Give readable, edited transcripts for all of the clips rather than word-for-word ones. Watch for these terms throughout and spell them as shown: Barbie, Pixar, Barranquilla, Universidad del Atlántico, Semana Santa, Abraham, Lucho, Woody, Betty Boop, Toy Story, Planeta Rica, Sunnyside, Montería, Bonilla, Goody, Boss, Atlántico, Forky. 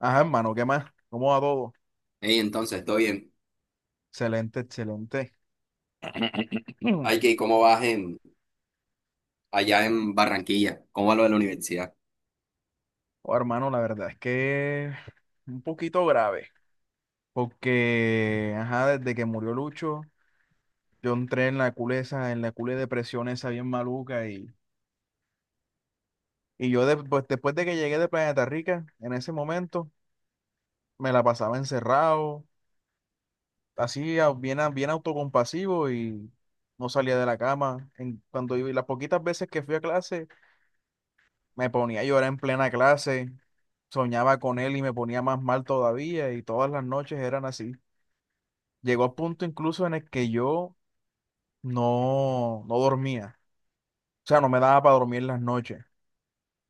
Ajá, hermano, ¿qué más? ¿Cómo va todo? Ey, entonces, todo bien. Excelente, excelente. Ay, que ¿cómo vas en, allá en Barranquilla? ¿Cómo va lo de la universidad? Oh, hermano, la verdad es que un poquito grave, porque, ajá, desde que murió Lucho, yo entré en la cule de depresión esa bien maluca y pues, después de que llegué de Planeta Rica, en ese momento, me la pasaba encerrado, así bien autocompasivo y no salía de la cama. Cuando iba, y las poquitas veces que fui a clase, me ponía a llorar en plena clase, soñaba con él y me ponía más mal todavía y todas las noches eran así. Llegó a punto incluso en el que yo no, no dormía, o sea, no me daba para dormir las noches.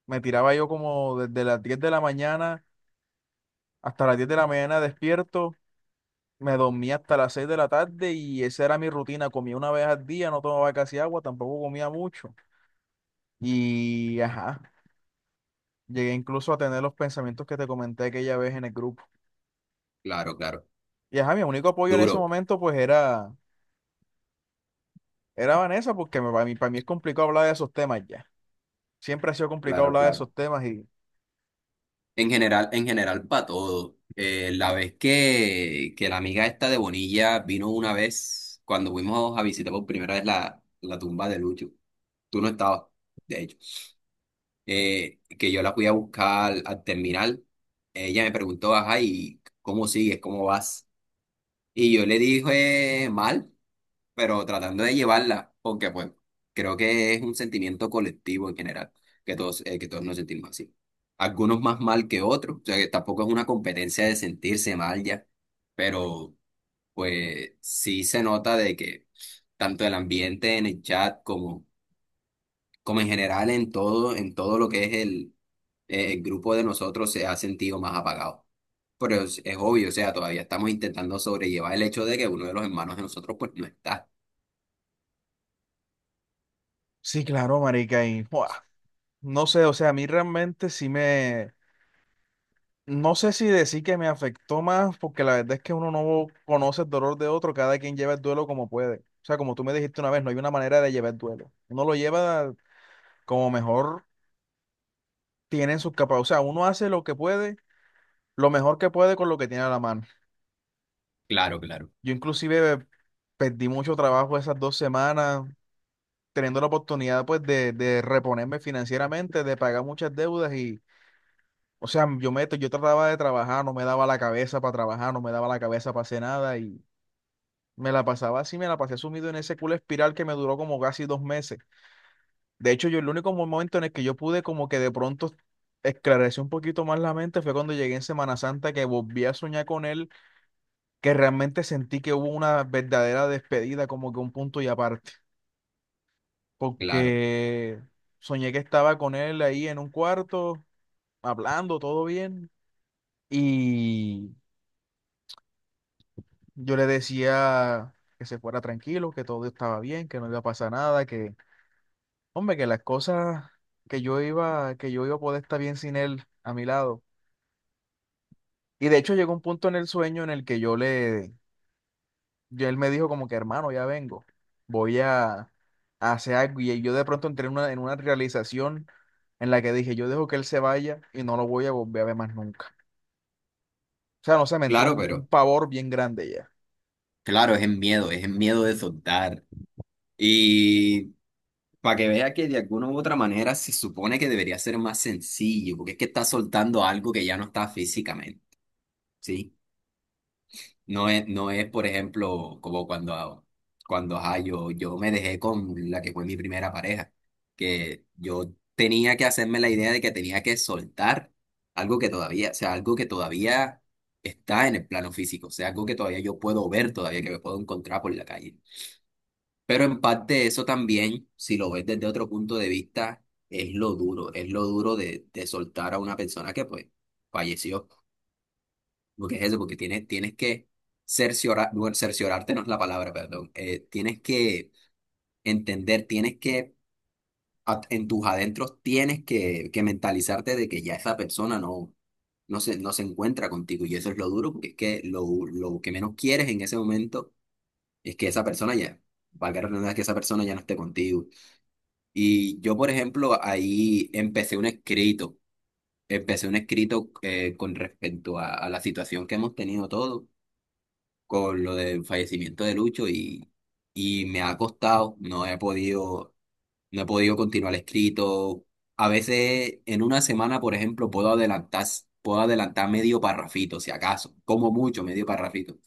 Me tiraba yo como desde las 10 de la mañana hasta las 10 de la mañana despierto, me dormía hasta las 6 de la tarde y esa era mi rutina. Comía una vez al día, no tomaba casi agua, tampoco comía mucho. Y ajá, llegué incluso a tener los pensamientos que te comenté aquella vez en el grupo. Claro, claro. Y ajá, mi único apoyo en ese Duro. momento pues era Vanessa, porque para mí es complicado hablar de esos temas ya. Siempre ha sido complicado Claro, hablar de claro. esos temas y En general, para todo. La vez que la amiga esta de Bonilla vino una vez, cuando fuimos a visitar por primera vez la tumba de Lucho, tú no estabas, de hecho. Que yo la fui a buscar al terminal, ella me preguntó, ajá, ¿y cómo sigues? ¿Cómo vas? Y yo le dije, mal. Pero tratando de llevarla, porque pues creo que es un sentimiento colectivo en general, que todos nos sentimos así. Algunos más mal que otros, o sea que tampoco es una competencia de sentirse mal ya, pero pues sí se nota de que tanto el ambiente en el chat como, como en general en todo lo que es el grupo de nosotros se ha sentido más apagado. Pero es obvio, o sea, todavía estamos intentando sobrellevar el hecho de que uno de los hermanos de nosotros pues no está. sí, claro, marica, y ¡buah! No sé, o sea, a mí realmente no sé si decir que me afectó más, porque la verdad es que uno no conoce el dolor de otro, cada quien lleva el duelo como puede. O sea, como tú me dijiste una vez, no hay una manera de llevar el duelo. Uno lo lleva como mejor tiene en sus capacidades. O sea, uno hace lo que puede, lo mejor que puede con lo que tiene a la mano. Claro, claro. Yo inclusive perdí mucho trabajo esas 2 semanas, teniendo la oportunidad pues de reponerme financieramente, de pagar muchas deudas y, o sea, yo trataba de trabajar, no me daba la cabeza para trabajar, no me daba la cabeza para hacer nada y me la pasaba así, me la pasé sumido en ese culo espiral que me duró como casi 2 meses. De hecho, yo el único momento en el que yo pude como que de pronto esclarecer un poquito más la mente fue cuando llegué en Semana Santa que volví a soñar con él, que realmente sentí que hubo una verdadera despedida, como que un punto y aparte. Claro, Porque soñé que estaba con él ahí en un cuarto, hablando, todo bien, y yo le decía que se fuera tranquilo, que todo estaba bien, que no iba a pasar nada, que, hombre, que las cosas que yo iba a poder estar bien sin él a mi lado. Y de hecho llegó un punto en el sueño en el que yo le y él me dijo como que, hermano, ya vengo, voy a, a hacer algo. Y yo de pronto entré en una realización en la que dije, yo dejo que él se vaya y no lo voy a volver a ver más nunca. O sea, no sé, me entró claro, un pero pavor bien grande ya. claro, es el miedo de soltar. Y para que vea que de alguna u otra manera se supone que debería ser más sencillo, porque es que está soltando algo que ya no está físicamente, ¿sí? No es, por ejemplo, como cuando ajá, yo me dejé con la que fue mi primera pareja, que yo tenía que hacerme la idea de que tenía que soltar algo que todavía, o sea, algo que todavía está en el plano físico, o sea, algo que todavía yo puedo ver, todavía que me puedo encontrar por la calle. Pero en parte eso también, si lo ves desde otro punto de vista, es lo duro de soltar a una persona que pues falleció. Porque es eso, porque tienes, tienes que cerciorar, bueno, cerciorarte no es la palabra, perdón. Tienes que entender, tienes que, en tus adentros, tienes que mentalizarte de que ya esa persona no se encuentra contigo. Y eso es lo duro, porque es que lo que menos quieres en ese momento es que esa persona ya, valga la redundancia, que esa persona ya no esté contigo. Y yo, por ejemplo, ahí empecé un escrito con respecto a la situación que hemos tenido todos con lo del fallecimiento de Lucho y me ha costado, no he podido no he podido continuar escrito. A veces en una semana, por ejemplo, puedo adelantar medio parrafito, si acaso, como mucho medio parrafito,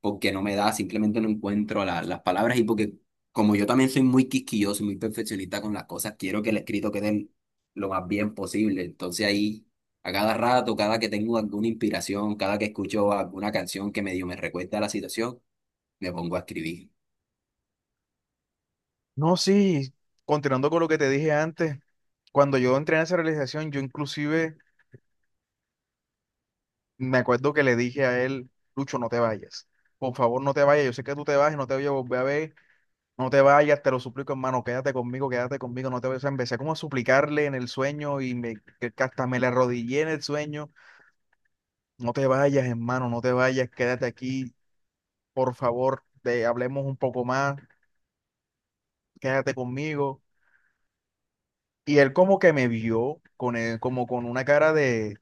porque no me da, simplemente no encuentro las palabras y porque como yo también soy muy quisquilloso y muy perfeccionista con las cosas, quiero que el escrito quede lo más bien posible. Entonces ahí, a cada rato, cada que tengo alguna inspiración, cada que escucho alguna canción que medio me recuerda a la situación, me pongo a escribir. No, sí, continuando con lo que te dije antes, cuando yo entré en esa realización, yo inclusive me acuerdo que le dije a él, Lucho, no te vayas. Por favor, no te vayas. Yo sé que tú te vas y no te voy a volver a ver. No te vayas, te lo suplico, hermano, quédate conmigo, no te vayas. O sea, empecé como a suplicarle en el sueño y me, que hasta me le arrodillé en el sueño. No te vayas, hermano, no te vayas, quédate aquí, por favor, te hablemos un poco más, quédate conmigo. Y él como que me vio con él, como con una cara de,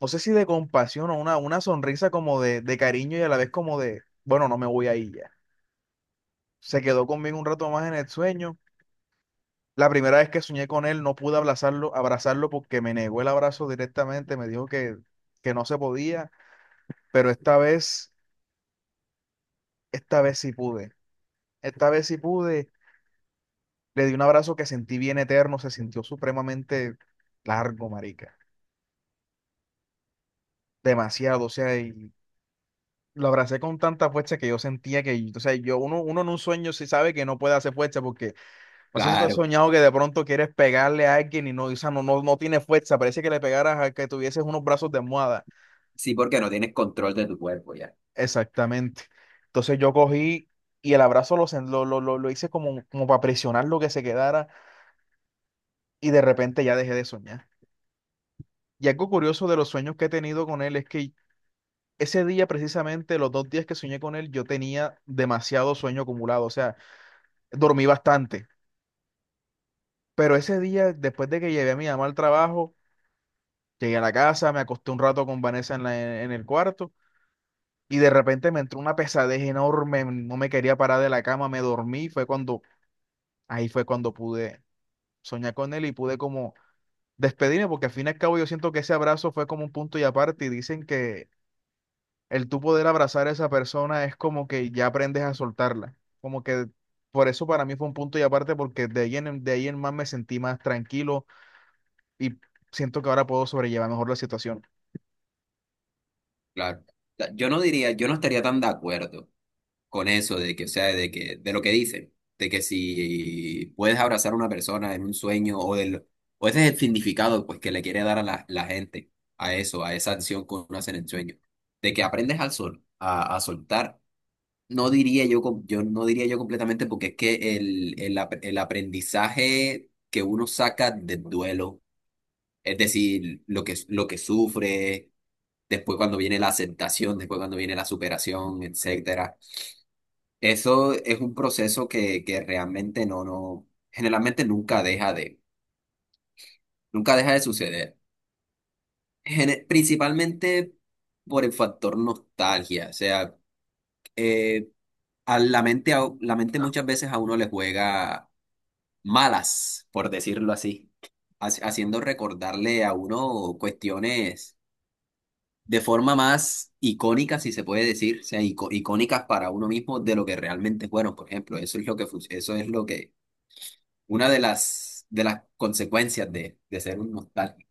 no sé si de compasión o una sonrisa como de cariño y a la vez como de, bueno, no me voy ahí ya. Se quedó conmigo un rato más en el sueño. La primera vez que soñé con él, no pude abrazarlo porque me negó el abrazo directamente, me dijo que no se podía, pero esta vez sí pude. Esta vez sí pude, le di un abrazo que sentí bien eterno, se sintió supremamente largo, marica. Demasiado, o sea, y lo abracé con tanta fuerza que yo sentía que, o sea, yo, uno, uno en un sueño sí sabe que no puede hacer fuerza porque no sé si tú has Claro, soñado que de pronto quieres pegarle a alguien y no, o sea, no, no, no tiene fuerza, parece que le pegaras a que tuvieses unos brazos de almohada. sí, porque no tienes control de tu cuerpo. Ya. Exactamente. Entonces yo cogí y el abrazo lo, sen- lo hice como, como para presionar lo que se quedara y de repente ya dejé de soñar. Y algo curioso de los sueños que he tenido con él es que ese día precisamente, los 2 días que soñé con él, yo tenía demasiado sueño acumulado, o sea, dormí bastante. Pero ese día, después de que llevé a mi mamá al trabajo, llegué a la casa, me acosté un rato con Vanessa en, en el cuarto y de repente me entró una pesadez enorme, no me quería parar de la cama, me dormí, ahí fue cuando pude soñé con él y pude como despedirme, porque al fin y al cabo yo siento que ese abrazo fue como un punto y aparte, y dicen que el tú poder abrazar a esa persona es como que ya aprendes a soltarla, como que por eso para mí fue un punto y aparte, porque de ahí en más me sentí más tranquilo y siento que ahora puedo sobrellevar mejor la situación. Claro. O sea, yo no diría, yo no estaría tan de acuerdo con eso de o sea, de lo que dicen, de que si puedes abrazar a una persona en un sueño o del, o ese es el significado pues que le quiere dar a la gente a eso, a esa acción que uno hace en el sueño, de que aprendes al sol, a soltar. No diría yo, yo no diría yo completamente porque es que el aprendizaje que uno saca del duelo, es decir, lo que sufre después cuando viene la aceptación, después cuando viene la superación, etcétera. Eso es un proceso que realmente generalmente nunca deja de, nunca deja de suceder. Principalmente por el factor nostalgia, o sea, eh, a la mente, la mente muchas veces a uno le juega malas, por decirlo así, haciendo recordarle a uno cuestiones de forma más icónica, si se puede decir, o sea, icónicas para uno mismo de lo que realmente fueron, por ejemplo, eso es lo que, eso es lo que, una de de las consecuencias de ser un nostálgico.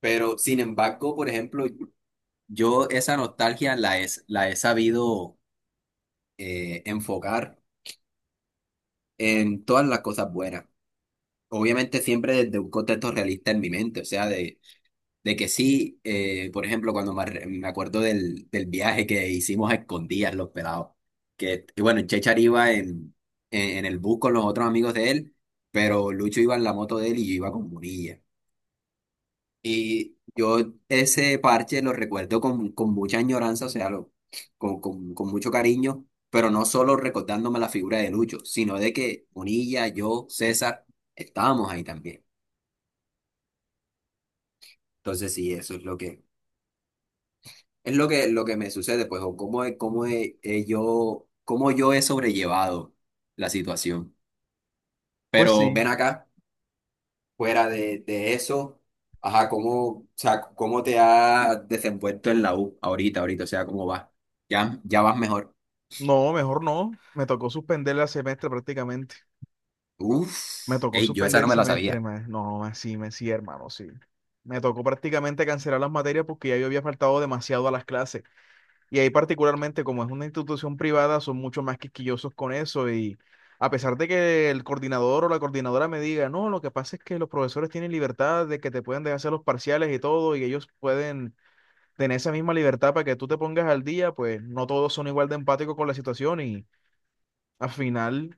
Pero, sin embargo, por ejemplo, yo esa nostalgia la he sabido enfocar en todas las cosas buenas. Obviamente siempre desde un contexto realista en mi mente, o sea, de que sí, por ejemplo, cuando me, me acuerdo del viaje que hicimos a escondidas los pelados, y bueno, Chechar iba en el bus con los otros amigos de él, pero Lucho iba en la moto de él y yo iba con Munilla. Y yo ese parche lo recuerdo con mucha añoranza, o sea, con mucho cariño, pero no solo recordándome la figura de Lucho, sino de que Munilla, yo, César, estábamos ahí también. Entonces sí, eso es lo que... Es lo lo que me sucede, pues, o he yo, cómo yo he sobrellevado la situación. Pues Pero sí, ven acá, fuera de eso, ajá, cómo, o sea, cómo te has desenvuelto en la U ahorita, ahorita, o sea, cómo vas. Ya, ya vas mejor. no, mejor no, me tocó suspender el semestre prácticamente. Me Uf, tocó ey, yo esa suspender no el me la semestre, sabía. más. No, más sí, me sí, hermano, sí. Me tocó prácticamente cancelar las materias porque ya yo había faltado demasiado a las clases. Y ahí particularmente, como es una institución privada, son mucho más quisquillosos con eso. Y a pesar de que el coordinador o la coordinadora me diga, no, lo que pasa es que los profesores tienen libertad de que te pueden dejar hacer los parciales y todo, y ellos pueden tener esa misma libertad para que tú te pongas al día, pues no todos son igual de empáticos con la situación. Y al final,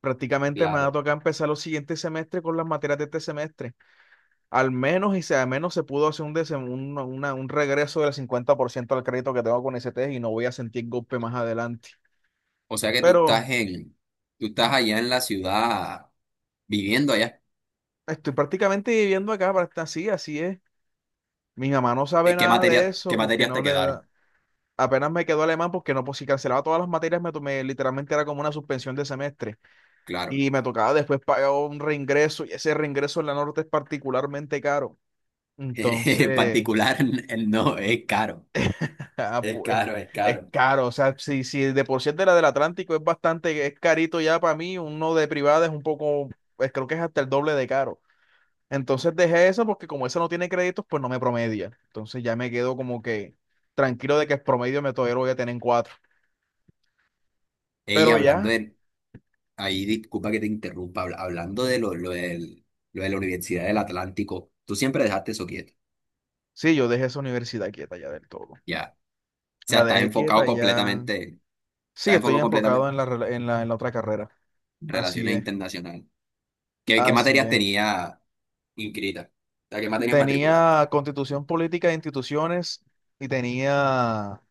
prácticamente me ha Claro. tocado empezar los siguientes semestres con las materias de este semestre. Al menos, y sea al menos se pudo hacer un, desem- un, una- un regreso del 50% al crédito que tengo con ST y no voy a sentir golpe más adelante. O sea que tú Pero estás en, tú estás allá en la ciudad, viviendo allá. estoy prácticamente viviendo acá, así, así es. Mi mamá no sabe ¿Qué nada de materia, qué eso porque materias no te le quedaron? da. Apenas me quedó alemán porque no, pues si cancelaba todas las materias, me tomé, literalmente era como una suspensión de semestre. Claro. Y me tocaba después pagar un reingreso y ese reingreso en la norte es particularmente caro. En Entonces... particular, no, es caro. Ah, Es pues caro, es es caro. caro, o sea, si, si de por sí el de la del Atlántico es bastante, es carito ya para mí, uno de privada es un poco, pues, creo que es hasta el doble de caro. Entonces dejé eso porque como esa no tiene créditos, pues no me promedia. Entonces ya me quedo como que tranquilo de que el promedio me todavía lo voy a tener en 4. Ella Pero hablando ya, de, ahí disculpa que te interrumpa, hablando de lo de la Universidad del Atlántico, tú siempre dejaste eso quieto, sí, yo dejé esa universidad quieta ya del todo. ya. O sea, La dejé quieta ya. Sí, estás estoy enfocado enfocado completamente en la, rela- en la otra carrera. en Así relaciones es, internacionales. ¿Qué, qué así materias es. tenía inscritas? O sea, ¿qué materias matriculaste? Tenía Constitución Política de Instituciones y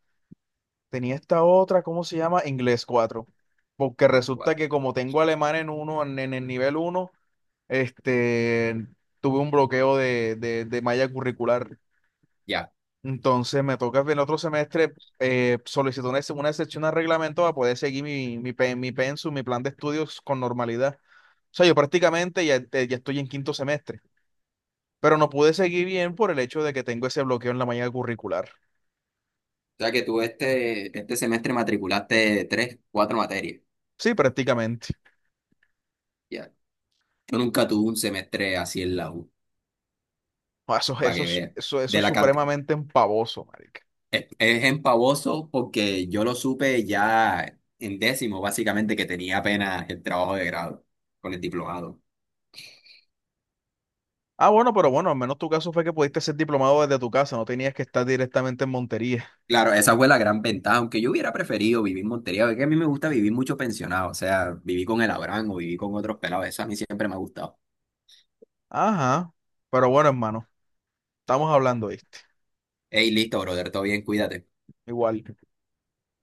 tenía esta otra, ¿cómo se llama? Inglés 4. Porque Dile, ¿cuál? resulta que como tengo alemán en uno, en el nivel 1 este, tuve un bloqueo de malla curricular. Ya. Entonces me toca en el otro semestre solicitar una excepción al reglamento para poder seguir mi pensum, mi plan de estudios con normalidad. O sea, yo prácticamente ya estoy en quinto semestre pero no pude seguir bien por el hecho de que tengo ese bloqueo en la mañana curricular. O sea, que tú este, este semestre matriculaste tres, cuatro materias, Sí, prácticamente. ya. Yo nunca tuve un semestre así en la U, Ah, para que veas. Eso De es la cantidad supremamente empavoso, marica. es empavoso porque yo lo supe ya en décimo, básicamente, que tenía apenas el trabajo de grado con el diplomado. Ah, bueno, pero bueno, al menos tu caso fue que pudiste ser diplomado desde tu casa, no tenías que estar directamente en Montería. Claro, esa fue la gran ventaja, aunque yo hubiera preferido vivir en Montería, porque a mí me gusta vivir mucho pensionado, o sea, viví con el Abraham o viví con otros pelados, eso a mí siempre me ha gustado. Ajá, pero bueno, hermano, estamos hablando, ¿viste? Ey, listo, brother, todo bien, cuídate. Igual.